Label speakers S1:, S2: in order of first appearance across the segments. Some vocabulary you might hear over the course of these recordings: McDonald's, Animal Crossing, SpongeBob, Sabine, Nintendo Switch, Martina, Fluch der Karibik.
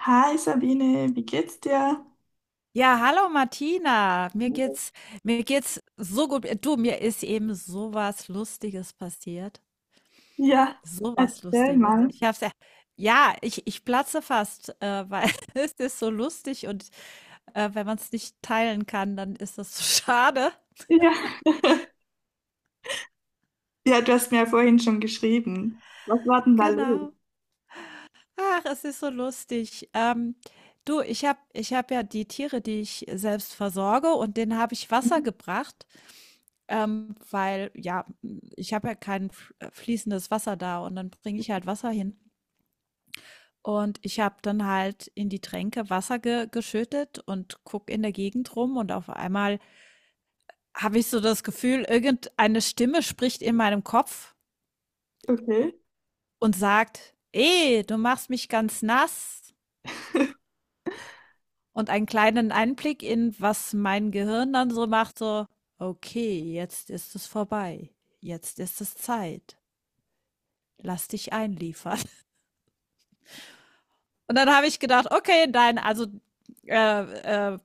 S1: Hi Sabine, wie geht's dir?
S2: Ja, hallo Martina. Mir geht's so gut. Du, mir ist eben so was Lustiges passiert.
S1: Ja,
S2: So was
S1: erzähl
S2: Lustiges.
S1: mal.
S2: Ich hab's ja, ja, ich platze fast, weil es ist so lustig und wenn man es nicht teilen kann, dann ist das so schade.
S1: Ja. Ja, du hast mir ja vorhin schon geschrieben. Was war denn da los?
S2: Genau. Ach, es ist so lustig. Du, ich hab ja die Tiere, die ich selbst versorge, und denen habe ich Wasser
S1: Mhm.
S2: gebracht. Weil ja, ich habe ja kein f fließendes Wasser da und dann bringe ich halt Wasser hin. Und ich habe dann halt in die Tränke Wasser ge geschüttet und guck in der Gegend rum, und auf einmal habe ich so das Gefühl, irgendeine Stimme spricht in meinem Kopf
S1: Okay.
S2: und sagt: "Eh, du machst mich ganz nass.“ Und einen kleinen Einblick in, was mein Gehirn dann so macht, so: „Okay, jetzt ist es vorbei. Jetzt ist es Zeit. Lass dich einliefern.“ Und dann habe ich gedacht, okay, nein, also äh, äh,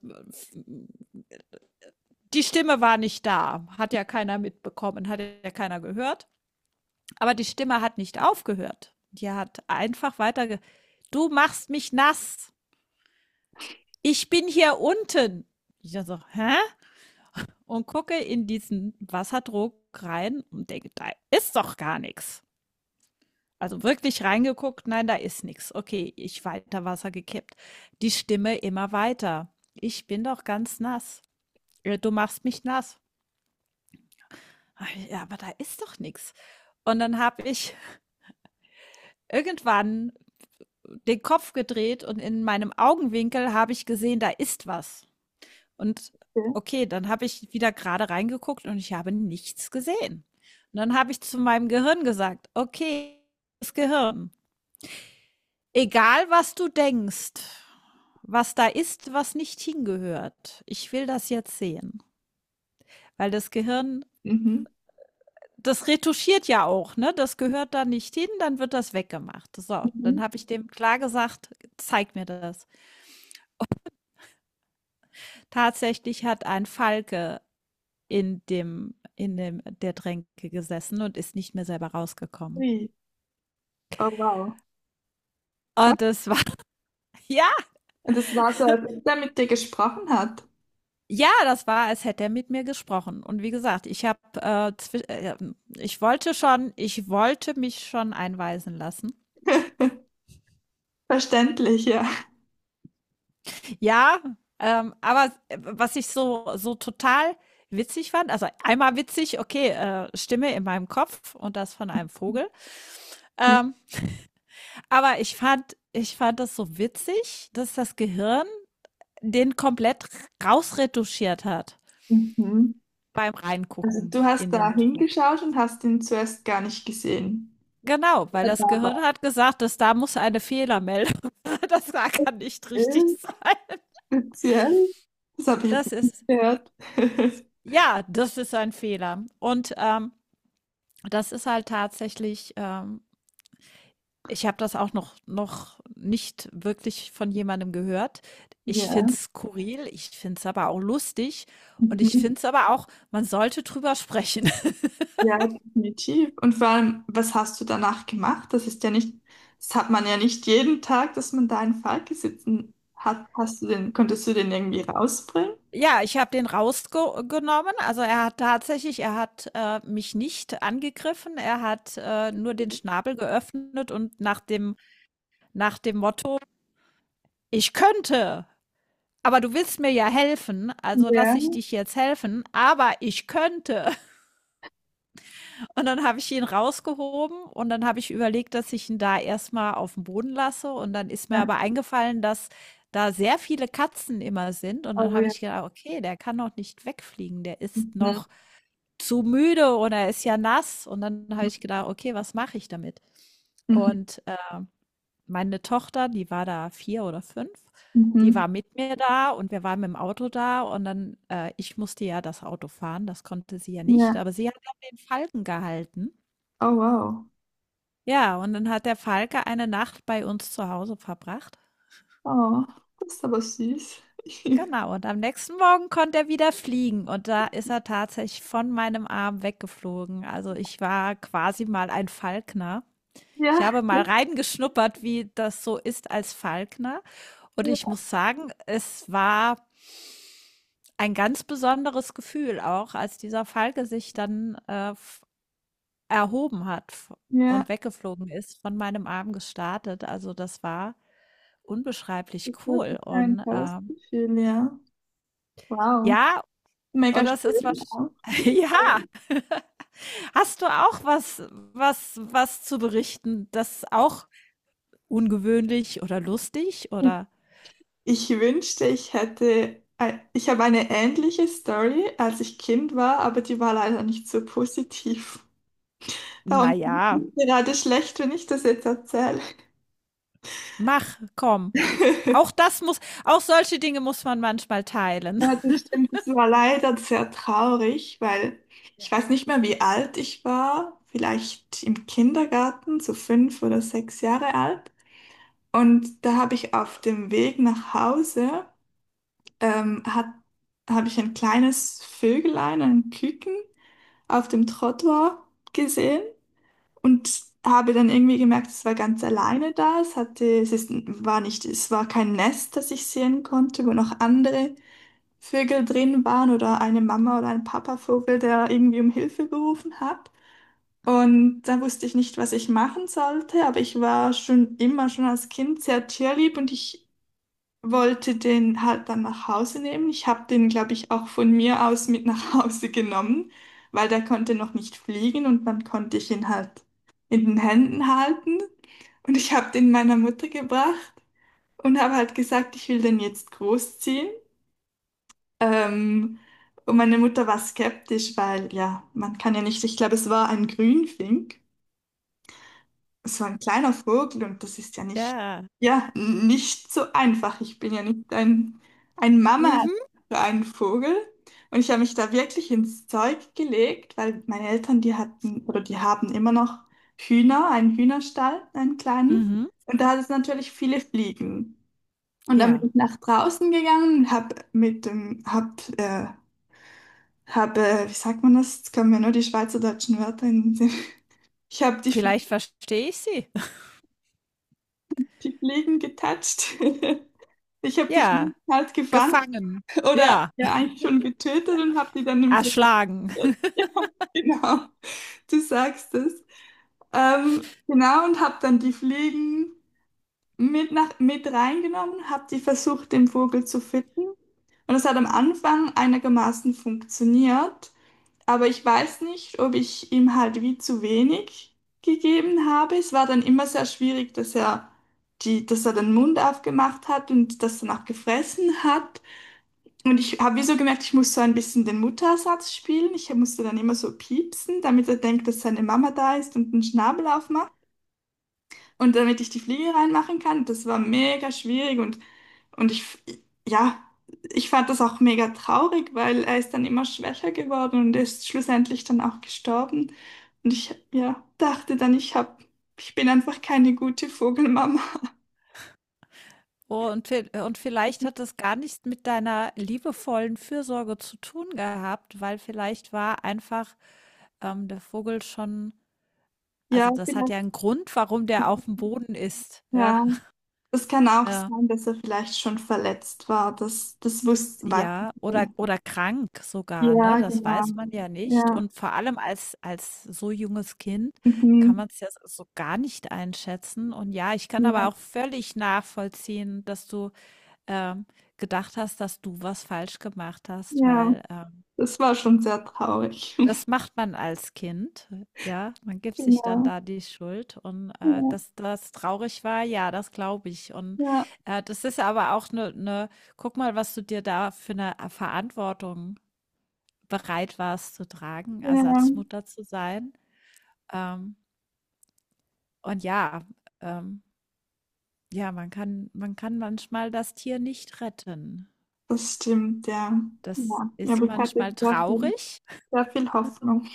S2: die Stimme war nicht da, hat ja keiner mitbekommen, hat ja keiner gehört. Aber die Stimme hat nicht aufgehört. Die hat einfach weiter. Ge du machst mich nass. Ich bin hier unten. Ich so, hä? Und gucke in diesen Wasserdruck rein und denke, da ist doch gar nichts. Also wirklich reingeguckt, nein, da ist nichts. Okay, ich weiter Wasser gekippt. Die Stimme immer weiter. Ich bin doch ganz nass. Du machst mich nass. Hab ich, ja, aber da ist doch nichts. Und dann habe ich irgendwann den Kopf gedreht und in meinem Augenwinkel habe ich gesehen, da ist was. Und
S1: Okay.
S2: okay, dann habe ich wieder gerade reingeguckt und ich habe nichts gesehen. Und dann habe ich zu meinem Gehirn gesagt, okay, das Gehirn, egal was du denkst, was da ist, was nicht hingehört, ich will das jetzt sehen. Weil das Gehirn,
S1: Mhm.
S2: das retuschiert ja auch, ne? Das gehört da nicht hin, dann wird das weggemacht. So, dann
S1: Mhm.
S2: habe ich dem klar gesagt: „Zeig mir das.“ Tatsächlich hat ein Falke in dem der Tränke gesessen und ist nicht mehr selber rausgekommen.
S1: Ui. Oh wow. Krass.
S2: Und das war ja,
S1: Und es war so, als ob der mit dir gesprochen hat.
S2: ja, das war, als hätte er mit mir gesprochen. Und wie gesagt, ich habe, zwi ich wollte schon ich wollte mich schon einweisen lassen.
S1: Verständlich, ja.
S2: Ja, aber was ich so so total witzig fand, also einmal witzig, okay, Stimme in meinem Kopf und das von einem Vogel. Ähm, aber ich fand das so witzig, dass das Gehirn den komplett rausretuschiert hat
S1: Mhm.
S2: beim
S1: Also
S2: Reingucken
S1: du hast
S2: in
S1: da
S2: den Druck.
S1: hingeschaut und hast ihn zuerst gar nicht gesehen.
S2: Genau, weil
S1: Ja, da
S2: das Gehirn
S1: war
S2: hat gesagt, dass da muss eine Fehlermeldung, das kann nicht richtig
S1: er.
S2: sein.
S1: Speziell. Das habe ich jetzt
S2: Das
S1: nicht
S2: ist,
S1: gehört.
S2: ja, das ist ein Fehler. Und das ist halt tatsächlich ich habe das auch noch nicht wirklich von jemandem gehört. Ich
S1: Ja.
S2: finde es skurril, ich finde es aber auch lustig und ich
S1: Mhm.
S2: finde es aber auch, man sollte drüber sprechen.
S1: Ja, definitiv. Und vor allem, was hast du danach gemacht? Das hat man ja nicht jeden Tag, dass man da einen Falke sitzen hat. Hast du den irgendwie rausbringen?
S2: Ja, ich habe den rausgenommen. Also, er hat tatsächlich er hat mich nicht angegriffen. Er hat, nur den Schnabel geöffnet und nach dem Motto: „Ich könnte, aber du willst mir ja helfen, also
S1: Ja,
S2: lasse ich dich jetzt helfen, aber ich könnte.“ Und dann habe ich ihn rausgehoben und dann habe ich überlegt, dass ich ihn da erstmal auf den Boden lasse, und dann ist mir
S1: ja,
S2: aber eingefallen, dass da sehr viele Katzen immer sind, und dann
S1: oh
S2: habe
S1: ja.
S2: ich gedacht: „Okay, der kann noch nicht wegfliegen, der ist
S1: Mhm.
S2: noch zu müde oder er ist ja nass.“ Und dann habe ich gedacht: „Okay, was mache ich damit?“
S1: Mhm.
S2: Und, meine Tochter, die war da 4 oder 5, die
S1: Mhm.
S2: war mit mir da und wir waren mit'm Auto da, und dann ich musste ja das Auto fahren, das konnte sie ja nicht,
S1: Ja,
S2: aber sie hat dann den Falken gehalten.
S1: oh wow.
S2: Ja, und dann hat der Falke eine Nacht bei uns zu Hause verbracht.
S1: Oh, das ist aber süß.
S2: Genau, und am nächsten Morgen konnte er wieder fliegen und da ist er tatsächlich von meinem Arm weggeflogen. Also ich war quasi mal ein Falkner. Ich
S1: Ja,
S2: habe mal reingeschnuppert, wie das so ist als Falkner. Und ich
S1: ja,
S2: muss sagen, es war ein ganz besonderes Gefühl auch, als dieser Falke sich dann erhoben hat v und
S1: ja,
S2: weggeflogen ist, von meinem Arm gestartet. Also, das war unbeschreiblich
S1: das war sicher
S2: cool
S1: ein
S2: und,
S1: tolles Gefühl, ja. Wow,
S2: ja, und
S1: mega
S2: das ist
S1: schön
S2: was
S1: auch. Die
S2: ja,
S1: Story.
S2: hast du auch was was zu berichten, das auch ungewöhnlich oder lustig oder
S1: Ich wünschte, ich habe eine ähnliche Story, als ich Kind war, aber die war leider nicht so positiv.
S2: na
S1: Darum
S2: ja,
S1: bin ich gerade schlecht, wenn ich das jetzt erzähle.
S2: mach, komm. Auch das muss auch solche Dinge muss man manchmal teilen.
S1: Ja, das stimmt. Das war leider sehr traurig, weil ich weiß nicht mehr, wie alt ich war. Vielleicht im Kindergarten, so fünf oder sechs Jahre alt. Und da habe ich auf dem Weg nach Hause ähm, hat, habe ich ein kleines Vögelein, ein Küken, auf dem Trottoir gesehen und habe dann irgendwie gemerkt, es war ganz alleine da. Es hatte, es ist, war nicht, es war kein Nest, das ich sehen konnte, wo noch andere Vögel drin waren, oder eine Mama oder ein Papavogel, der irgendwie um Hilfe gerufen hat. Und da wusste ich nicht, was ich machen sollte, aber ich war schon immer, schon als Kind sehr tierlieb, und ich wollte den halt dann nach Hause nehmen. Ich habe den, glaube ich, auch von mir aus mit nach Hause genommen, weil der konnte noch nicht fliegen, und dann konnte ich ihn halt in den Händen halten. Und ich habe den meiner Mutter gebracht und habe halt gesagt, ich will den jetzt großziehen. Ähm, und meine Mutter war skeptisch, weil ja, man kann ja nicht, ich glaube, es war ein Grünfink. Es war ein kleiner Vogel, und das ist
S2: Ja.
S1: ja, nicht so einfach. Ich bin ja nicht ein, ein Mama
S2: Mhm,
S1: für einen Vogel. Und ich habe mich da wirklich ins Zeug gelegt, weil meine Eltern, die hatten oder die haben immer noch Hühner, einen Hühnerstall, einen kleinen.
S2: mhm.
S1: Und da hat es natürlich viele Fliegen. Und dann bin
S2: Ja,
S1: ich nach draußen gegangen, habe mit dem, wie sagt man das? Jetzt kommen mir nur die schweizerdeutschen Wörter in den Sinn. Ich habe die,
S2: vielleicht verstehe ich sie.
S1: die Fliegen getatscht. Ich habe die
S2: Ja,
S1: Fliegen halt gefangen
S2: gefangen.
S1: oder
S2: Ja,
S1: ja eigentlich schon getötet und habe die dann im Flugzeug.
S2: erschlagen.
S1: Ja, genau. Du sagst es. Genau, und habe dann die Fliegen mit reingenommen, habe die versucht, den Vogel zu fitten. Und es hat am Anfang einigermaßen funktioniert. Aber ich weiß nicht, ob ich ihm halt wie zu wenig gegeben habe. Es war dann immer sehr schwierig, dass er den Mund aufgemacht hat und das danach gefressen hat. Und ich habe wie so gemerkt, ich muss so ein bisschen den Muttersatz spielen. Ich musste dann immer so piepsen, damit er denkt, dass seine Mama da ist und den Schnabel aufmacht. Und damit ich die Fliege reinmachen kann, das war mega schwierig, und ich, f- ja, ich fand das auch mega traurig, weil er ist dann immer schwächer geworden und ist schlussendlich dann auch gestorben. Und ich, ja, dachte dann, ich bin einfach keine gute Vogelmama.
S2: Und, und vielleicht hat das gar nichts mit deiner liebevollen Fürsorge zu tun gehabt, weil vielleicht war einfach der Vogel schon,
S1: Ja,
S2: also das hat
S1: vielleicht,
S2: ja einen Grund, warum der auf dem Boden ist. Ja,
S1: ja, es kann auch
S2: äh,
S1: sein, dass er vielleicht schon verletzt war. Das wusste, weiß ich
S2: ja
S1: nicht. Genau.
S2: oder krank sogar, ne?
S1: Ja,
S2: Das
S1: genau.
S2: weiß man ja nicht.
S1: Ja,
S2: Und vor allem als, als so junges Kind
S1: mhm.
S2: kann man es ja so gar nicht einschätzen. Und ja, ich kann
S1: Ja,
S2: aber auch völlig nachvollziehen, dass du ähm, gedacht hast, dass du was falsch gemacht hast,
S1: ja,
S2: weil,
S1: das war schon sehr traurig.
S2: das macht man als Kind, ja? Man gibt sich dann
S1: Genau.
S2: da die Schuld, und,
S1: Ja.
S2: dass das traurig war, ja, das glaube ich und,
S1: Ja,
S2: das ist aber auch eine, 'ne guck mal, was du dir da für eine Verantwortung bereit warst zu tragen,
S1: ja,
S2: Ersatzmutter zu sein. Ähm, und ja, ähm, ja, man kann manchmal das Tier nicht retten.
S1: das stimmt, ja.
S2: Das
S1: Ja, ja,
S2: ist
S1: aber ich hatte
S2: manchmal traurig.
S1: sehr viel Hoffnung.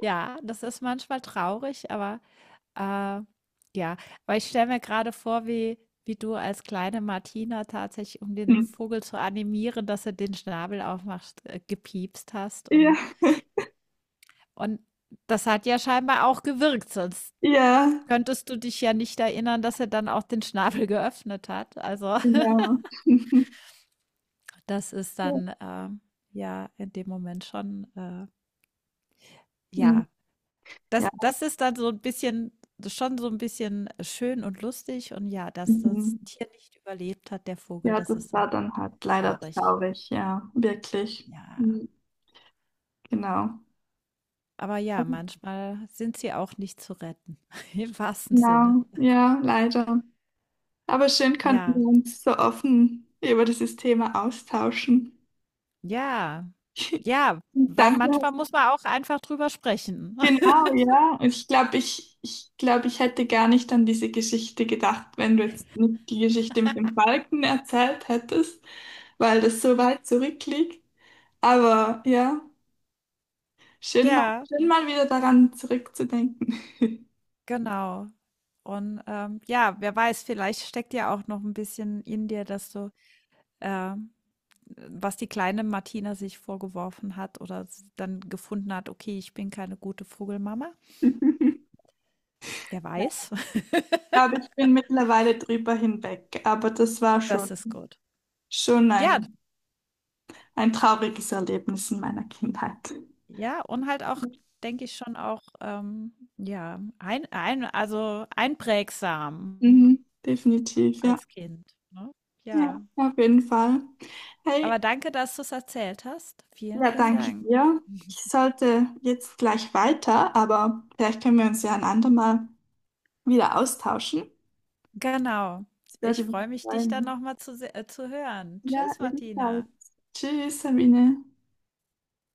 S2: Ja, das ist manchmal traurig, aber, äh, ja. Aber ich stelle mir gerade vor, wie du als kleine Martina tatsächlich, um den
S1: Hm.
S2: Vogel zu animieren, dass er den Schnabel aufmacht, gepiepst hast,
S1: Ja,
S2: und das hat ja scheinbar auch gewirkt, sonst
S1: ja,
S2: könntest du dich ja nicht erinnern, dass er dann auch den Schnabel geöffnet hat. Also,
S1: genau.
S2: das ist
S1: Ja.
S2: dann, ja, in dem Moment schon,
S1: Hm.
S2: ja,
S1: Ja,
S2: das ist dann so ein bisschen schön und lustig, und ja, dass
S1: mhm.
S2: das Tier nicht überlebt hat, der Vogel,
S1: Ja,
S2: das
S1: das
S2: ist dann
S1: war dann halt leider
S2: traurig.
S1: traurig, ja, wirklich.
S2: Ja.
S1: Hm. Genau.
S2: Aber
S1: Aber
S2: ja, manchmal sind sie auch nicht zu retten, im wahrsten Sinne.
S1: genau, ja, leider. Aber schön konnten
S2: Ja,
S1: wir uns so offen über dieses Thema austauschen.
S2: ja, ja, weil
S1: Danke.
S2: manchmal muss man auch einfach drüber sprechen.
S1: Genau, ja. Und ich glaube, ich hätte gar nicht an diese Geschichte gedacht, wenn du jetzt nicht die Geschichte mit dem Balken erzählt hättest, weil das so weit zurückliegt. Aber ja,
S2: Ja,
S1: schön mal wieder daran zurückzudenken.
S2: genau. Und, ja, wer weiß, vielleicht steckt ja auch noch ein bisschen in dir, dass du, ähm was die kleine Martina sich vorgeworfen hat oder dann gefunden hat, okay, ich bin keine gute Vogelmama. Wer weiß,
S1: Ich glaube, ich bin mittlerweile drüber hinweg, aber das war schon,
S2: das ist gut.
S1: schon
S2: Ja,
S1: ein, ein trauriges Erlebnis in meiner Kindheit.
S2: ja, und halt auch, denke ich schon auch, ja, also einprägsam
S1: Mhm, definitiv, ja.
S2: als Kind. Ne?
S1: Ja,
S2: Ja,
S1: auf jeden Fall.
S2: aber
S1: Hey,
S2: danke, dass du es erzählt hast. Vielen,
S1: ja,
S2: vielen
S1: danke
S2: Dank.
S1: dir. Ich sollte jetzt gleich weiter, aber vielleicht können wir uns ja ein andermal wieder austauschen.
S2: Genau.
S1: Ich werde
S2: Ich
S1: mich
S2: freue mich, dich dann
S1: freuen.
S2: nochmal zu, se- äh, zu hören.
S1: Ja,
S2: Tschüss,
S1: ebenfalls.
S2: Martina.
S1: Tschüss, Sabine.